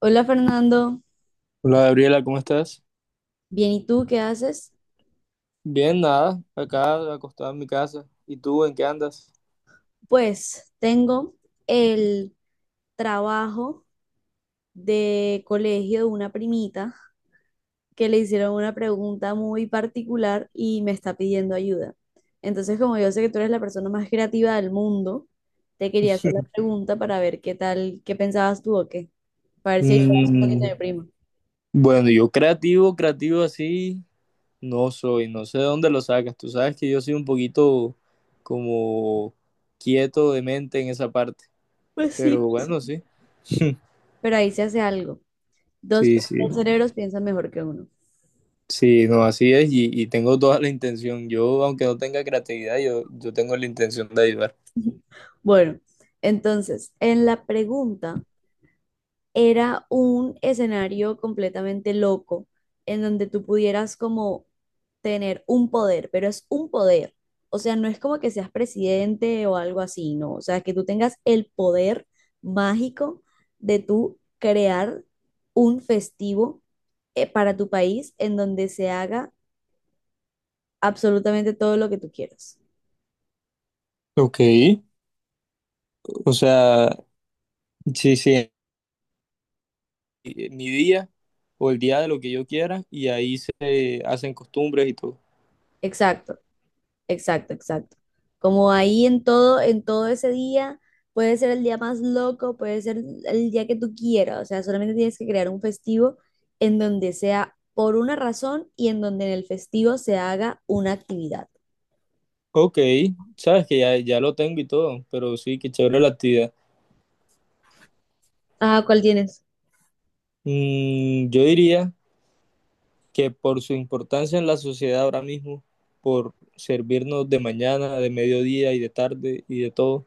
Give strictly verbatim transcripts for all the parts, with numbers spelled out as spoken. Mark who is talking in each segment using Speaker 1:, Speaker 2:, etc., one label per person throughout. Speaker 1: Hola Fernando,
Speaker 2: Hola Gabriela, ¿cómo estás?
Speaker 1: bien, ¿y tú qué haces?
Speaker 2: Bien, nada, acá acostado en mi casa. ¿Y tú en qué andas?
Speaker 1: Pues tengo el trabajo de colegio de una primita que le hicieron una pregunta muy particular y me está pidiendo ayuda. Entonces, como yo sé que tú eres la persona más creativa del mundo, te quería hacer la pregunta para ver qué tal, qué pensabas tú o qué, para ver si ayudabas un poquito
Speaker 2: Mm,
Speaker 1: de prima.
Speaker 2: bueno, yo creativo, creativo así, no soy, no sé de dónde lo sacas. Tú sabes que yo soy un poquito como quieto de mente en esa parte,
Speaker 1: Pues sí.
Speaker 2: pero bueno, sí.
Speaker 1: Pero ahí se hace algo. Dos,
Speaker 2: Sí, sí,
Speaker 1: dos cerebros piensan mejor que uno.
Speaker 2: sí, no, así es y, y tengo toda la intención. Yo, aunque no tenga creatividad, yo, yo tengo la intención de ayudar.
Speaker 1: Bueno, entonces, en la pregunta era un escenario completamente loco en donde tú pudieras como tener un poder, pero es un poder. O sea, no es como que seas presidente o algo así, no. O sea, que tú tengas el poder mágico de tú crear un festivo eh, para tu país en donde se haga absolutamente todo lo que tú quieras.
Speaker 2: Ok, o sea, sí, sí, mi día o el día de lo que yo quiera, y ahí se hacen costumbres y todo.
Speaker 1: Exacto. Exacto, exacto. Como ahí en todo, en todo ese día, puede ser el día más loco, puede ser el día que tú quieras, o sea, solamente tienes que crear un festivo en donde sea por una razón y en donde en el festivo se haga una actividad.
Speaker 2: Ok, sabes que ya, ya lo tengo y todo, pero sí, qué chévere la actividad.
Speaker 1: Ah, ¿cuál tienes?
Speaker 2: Mm, yo diría que por su importancia en la sociedad ahora mismo, por servirnos de mañana, de mediodía y de tarde y de todo,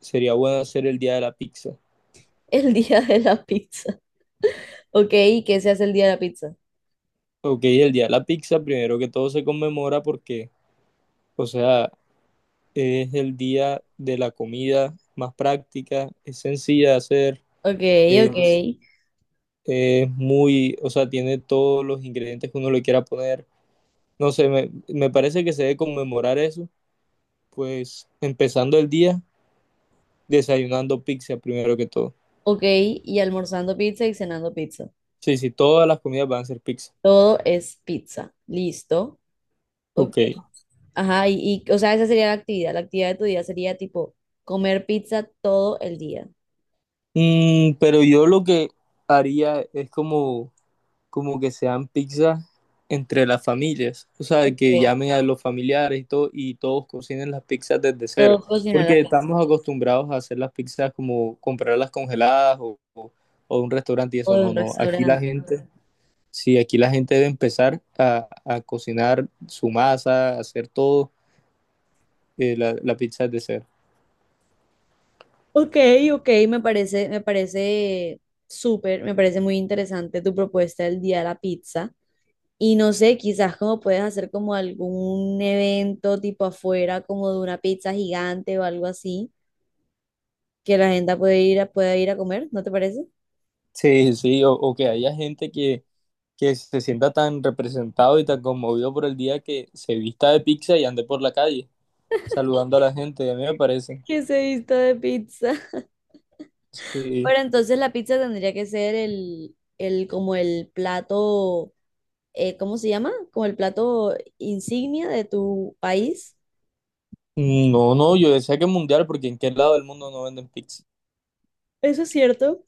Speaker 2: sería bueno hacer el día de la pizza.
Speaker 1: El día de la pizza. Ok, ¿y qué se hace el día de la pizza?
Speaker 2: Ok, el día de la pizza primero que todo se conmemora porque, o sea, es el día de la comida más práctica, es sencilla de hacer,
Speaker 1: Ok, ok,
Speaker 2: es muy, o sea, tiene todos los ingredientes que uno le quiera poner. No sé, me, me parece que se debe conmemorar eso, pues empezando el día desayunando pizza primero que todo.
Speaker 1: ok, y almorzando pizza y cenando pizza.
Speaker 2: Sí, sí, todas las comidas van a ser pizza.
Speaker 1: Todo es pizza. Listo. Ok,
Speaker 2: Ok.
Speaker 1: ajá, y, y, o sea, esa sería la actividad. La actividad de tu día sería tipo comer pizza todo el día.
Speaker 2: Mm, pero yo lo que haría es como como que sean pizzas entre las familias, o sea, que
Speaker 1: Ok.
Speaker 2: llamen a los familiares y todo, y todos cocinen las pizzas desde cero,
Speaker 1: Todo cocinar
Speaker 2: porque
Speaker 1: la pizza
Speaker 2: estamos acostumbrados a hacer las pizzas como comprarlas congeladas o, o, o de un restaurante y
Speaker 1: o
Speaker 2: eso,
Speaker 1: de
Speaker 2: no,
Speaker 1: un
Speaker 2: no, aquí la
Speaker 1: restaurante.
Speaker 2: gente, sí, aquí la gente debe empezar a, a cocinar su masa, hacer todo, eh, la, la pizza desde cero.
Speaker 1: Ok, ok, me parece, me parece súper, me parece muy interesante tu propuesta del día de la pizza. Y no sé, quizás como puedes hacer como algún evento tipo afuera, como de una pizza gigante o algo así, que la gente puede ir a, pueda ir a comer, ¿no te parece?
Speaker 2: Sí, sí, o, o que haya gente que, que se sienta tan representado y tan conmovido por el día que se vista de pizza y ande por la calle, saludando a la gente, a mí me parece.
Speaker 1: Que se vista de pizza.
Speaker 2: Sí.
Speaker 1: Pero entonces la pizza tendría que ser el, el como el plato, eh, ¿cómo se llama? Como el plato insignia de tu país.
Speaker 2: No, no, yo decía que mundial porque en qué lado del mundo no venden pizza.
Speaker 1: Eso es cierto.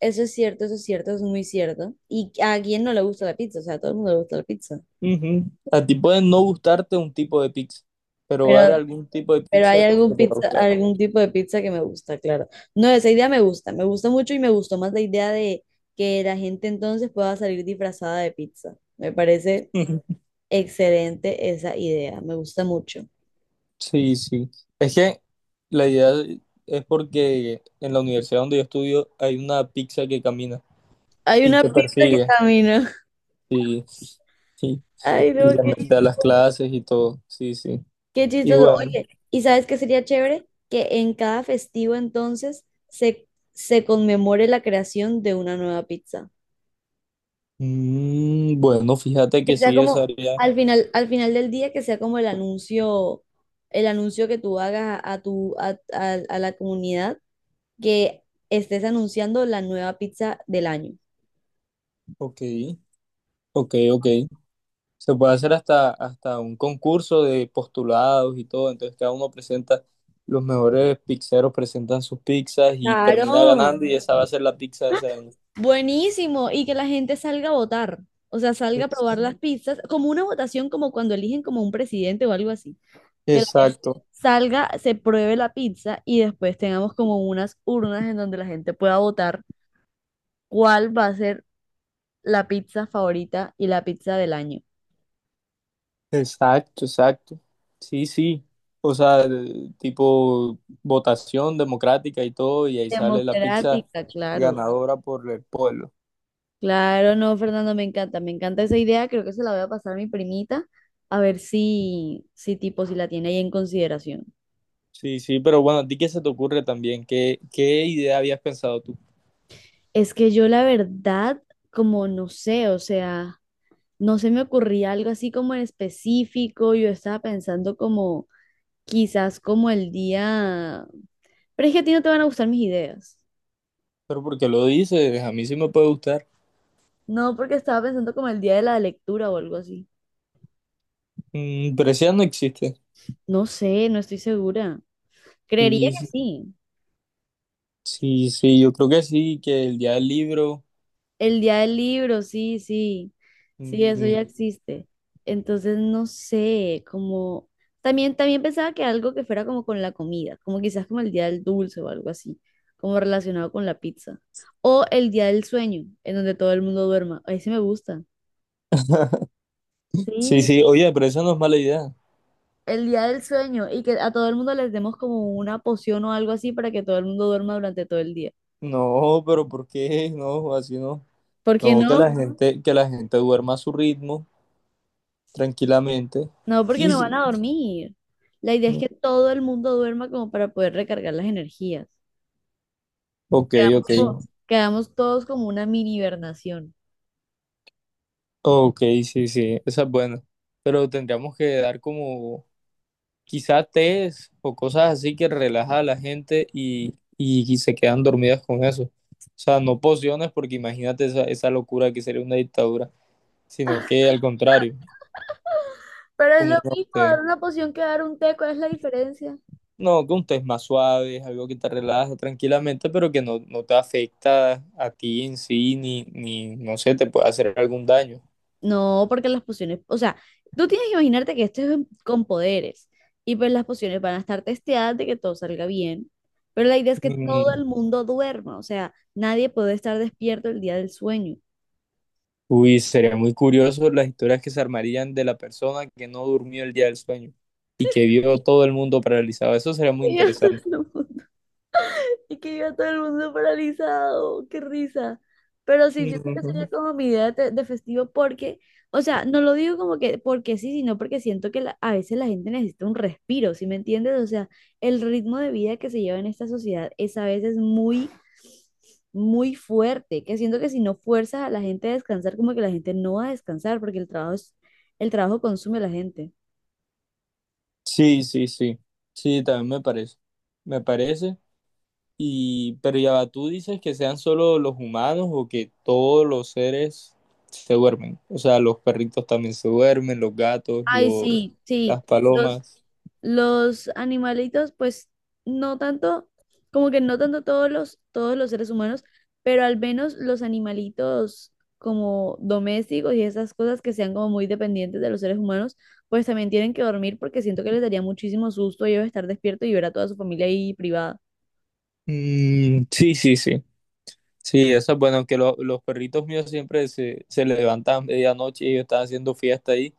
Speaker 1: Eso es cierto, eso es cierto, eso es muy cierto. ¿Y a quién no le gusta la pizza? O sea, a todo el mundo le gusta la pizza.
Speaker 2: Ujú. A ti puede no gustarte un tipo de pizza, pero va a haber
Speaker 1: Pero,
Speaker 2: algún tipo de
Speaker 1: pero hay
Speaker 2: pizza que te
Speaker 1: algún
Speaker 2: va a
Speaker 1: pizza,
Speaker 2: gustar.
Speaker 1: algún tipo de pizza que me gusta, claro. No, esa idea me gusta, me gusta mucho y me gustó más la idea de que la gente entonces pueda salir disfrazada de pizza. Me parece
Speaker 2: Ujú.
Speaker 1: excelente esa idea, me gusta mucho.
Speaker 2: Sí, sí. Es que la idea es porque en la universidad donde yo estudio hay una pizza que camina
Speaker 1: Hay
Speaker 2: y
Speaker 1: una
Speaker 2: te
Speaker 1: pista que
Speaker 2: persigue.
Speaker 1: camina.
Speaker 2: Sí, sí.
Speaker 1: Ay,
Speaker 2: Y
Speaker 1: no,
Speaker 2: se
Speaker 1: qué
Speaker 2: mete a las
Speaker 1: chistoso.
Speaker 2: clases y todo. Sí, sí.
Speaker 1: Qué
Speaker 2: Y
Speaker 1: chistoso.
Speaker 2: bueno.
Speaker 1: Oye, ¿y sabes qué sería chévere? Que en cada festivo entonces se, se conmemore la creación de una nueva pizza.
Speaker 2: Mm, bueno, fíjate que
Speaker 1: Que sea
Speaker 2: sí, esa
Speaker 1: como
Speaker 2: área.
Speaker 1: al final, al final del día, que sea como el anuncio, el anuncio que tú hagas a, a tu, a, a- a la comunidad, que estés anunciando la nueva pizza del año.
Speaker 2: Ok, ok, ok. Se puede hacer hasta, hasta un concurso de postulados y todo. Entonces cada uno presenta, los mejores pizzeros presentan sus pizzas y termina
Speaker 1: Claro.
Speaker 2: ganando y esa va a ser la pizza de ese año.
Speaker 1: Buenísimo, y que la gente salga a votar, o sea, salga a probar
Speaker 2: Exacto,
Speaker 1: las pizzas, como una votación como cuando eligen como un presidente o algo así, que la gente
Speaker 2: exacto,
Speaker 1: salga, se pruebe la pizza y después tengamos como unas urnas en donde la gente pueda votar cuál va a ser la pizza favorita y la pizza del año.
Speaker 2: exacto, exacto. Sí, sí. O sea, el tipo votación democrática y todo, y ahí sale la pizza
Speaker 1: Democrática, claro.
Speaker 2: ganadora por el pueblo.
Speaker 1: Claro, no, Fernando, me encanta, me encanta esa idea, creo que se la voy a pasar a mi primita, a ver si, si tipo, si la tiene ahí en consideración.
Speaker 2: Sí, sí, pero bueno, ¿a ti qué se te ocurre también? ¿Qué, qué idea habías pensado tú?
Speaker 1: Es que yo la verdad, como no sé, o sea, no se me ocurría algo así como en específico, yo estaba pensando como quizás como el día, pero es que a ti no te van a gustar mis ideas.
Speaker 2: Pero porque lo dices, a mí sí me puede gustar.
Speaker 1: No, porque estaba pensando como el día de la lectura o algo así.
Speaker 2: Mm, pero ese ya no existe.
Speaker 1: No sé, no estoy segura. Creería
Speaker 2: Sí, sí,
Speaker 1: que sí.
Speaker 2: sí, sí, yo creo que sí, que el día del libro.
Speaker 1: El día del libro, sí, sí, sí,
Speaker 2: Mm,
Speaker 1: sí, eso
Speaker 2: mm.
Speaker 1: ya existe. Entonces, no sé, como también, también pensaba que algo que fuera como con la comida, como quizás como el día del dulce o algo así, como relacionado con la pizza. O el día del sueño, en donde todo el mundo duerma. Ahí sí me gusta.
Speaker 2: Sí,
Speaker 1: Sí,
Speaker 2: sí, oye, pero esa no es mala idea.
Speaker 1: el día del sueño y que a todo el mundo les demos como una poción o algo así para que todo el mundo duerma durante todo el día.
Speaker 2: No, pero ¿por qué? No, así no.
Speaker 1: ¿Por qué
Speaker 2: No, que la
Speaker 1: no?
Speaker 2: gente, que la gente duerma a su ritmo, tranquilamente.
Speaker 1: No, porque
Speaker 2: Y
Speaker 1: no van
Speaker 2: sí.
Speaker 1: a dormir. La idea es que todo el mundo duerma como para poder recargar las energías.
Speaker 2: Ok,
Speaker 1: Quedamos,
Speaker 2: ok.
Speaker 1: como- quedamos todos como una mini hibernación.
Speaker 2: Ok, sí, sí, esa es buena. Pero tendríamos que dar como quizás tés o cosas así que relaja a la gente y, y, y se quedan dormidas con eso. O sea, no pociones porque imagínate esa, esa locura que sería una dictadura, sino que al contrario,
Speaker 1: Pero es
Speaker 2: como
Speaker 1: lo
Speaker 2: un
Speaker 1: mismo dar
Speaker 2: té.
Speaker 1: una poción que dar un té, ¿cuál es la diferencia?
Speaker 2: No, que un té más suave, es algo que te relaja tranquilamente, pero que no, no te afecta a ti en sí, ni, ni no sé, te puede hacer algún daño.
Speaker 1: No, porque las pociones, o sea, tú tienes que imaginarte que esto es en- con poderes y pues las pociones van a estar testeadas de que todo salga bien, pero la idea es que todo el
Speaker 2: Mm,
Speaker 1: mundo duerma, o sea, nadie puede estar despierto el día del sueño.
Speaker 2: uy, sería muy curioso las historias que se armarían de la persona que no durmió el día del sueño y que vio todo el mundo paralizado. Eso sería muy
Speaker 1: Y ya está,
Speaker 2: interesante.
Speaker 1: no. Y que iba todo el mundo paralizado, qué risa. Pero sí, siento que
Speaker 2: Ujú.
Speaker 1: sería como mi idea de, de festivo porque, o sea, no lo digo como que porque sí, sino porque siento que la- a veces la gente necesita un respiro, ¿sí me entiendes? O sea, el ritmo de vida que se lleva en esta sociedad es a veces muy, muy fuerte, que siento que si no fuerzas a la gente a descansar, como que la gente no va a descansar porque el trabajo es, el trabajo consume a la gente.
Speaker 2: Sí, sí, sí. Sí, también me parece. Me parece. Y, pero ya va, tú dices que sean solo los humanos o que todos los seres se duermen. O sea, los perritos también se duermen, los gatos,
Speaker 1: Ay,
Speaker 2: los,
Speaker 1: sí, sí,
Speaker 2: las
Speaker 1: entonces.
Speaker 2: palomas.
Speaker 1: Los animalitos, pues no tanto, como que no tanto todos los, todos los seres humanos, pero al menos los animalitos como domésticos y esas cosas que sean como muy dependientes de los seres humanos, pues también tienen que dormir porque siento que les daría muchísimo susto a ellos estar despiertos y ver a toda su familia ahí privada.
Speaker 2: Mm, sí, sí, sí. Sí, eso es bueno, aunque lo- los perritos míos siempre se, se levantan a medianoche y ellos estaban haciendo fiesta ahí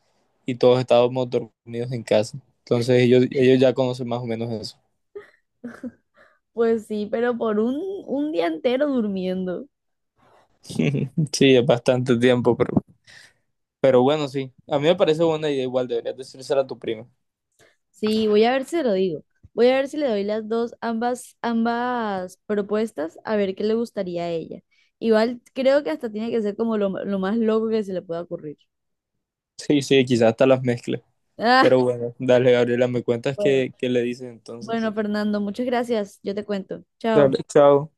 Speaker 2: y todos estábamos dormidos en casa. Entonces ellos, ellos ya conocen más o menos eso.
Speaker 1: Pues sí, pero por un, un día entero durmiendo.
Speaker 2: Sí, es bastante tiempo, pero, pero bueno, sí. A mí me parece buena idea igual, deberías decírsela a tu prima.
Speaker 1: Sí, voy a ver si se lo digo. Voy a ver si le doy las dos, ambas, ambas propuestas, a ver qué le gustaría a ella. Igual creo que hasta tiene que ser como lo, lo más loco que se le pueda ocurrir.
Speaker 2: Sí, sí, quizás hasta las mezclas.
Speaker 1: Ah,
Speaker 2: Pero bueno, dale, Gabriela, me cuentas
Speaker 1: bueno,
Speaker 2: qué, qué le dices entonces.
Speaker 1: bueno, Fernando, muchas gracias. Yo te cuento. Chao.
Speaker 2: Dale, chao.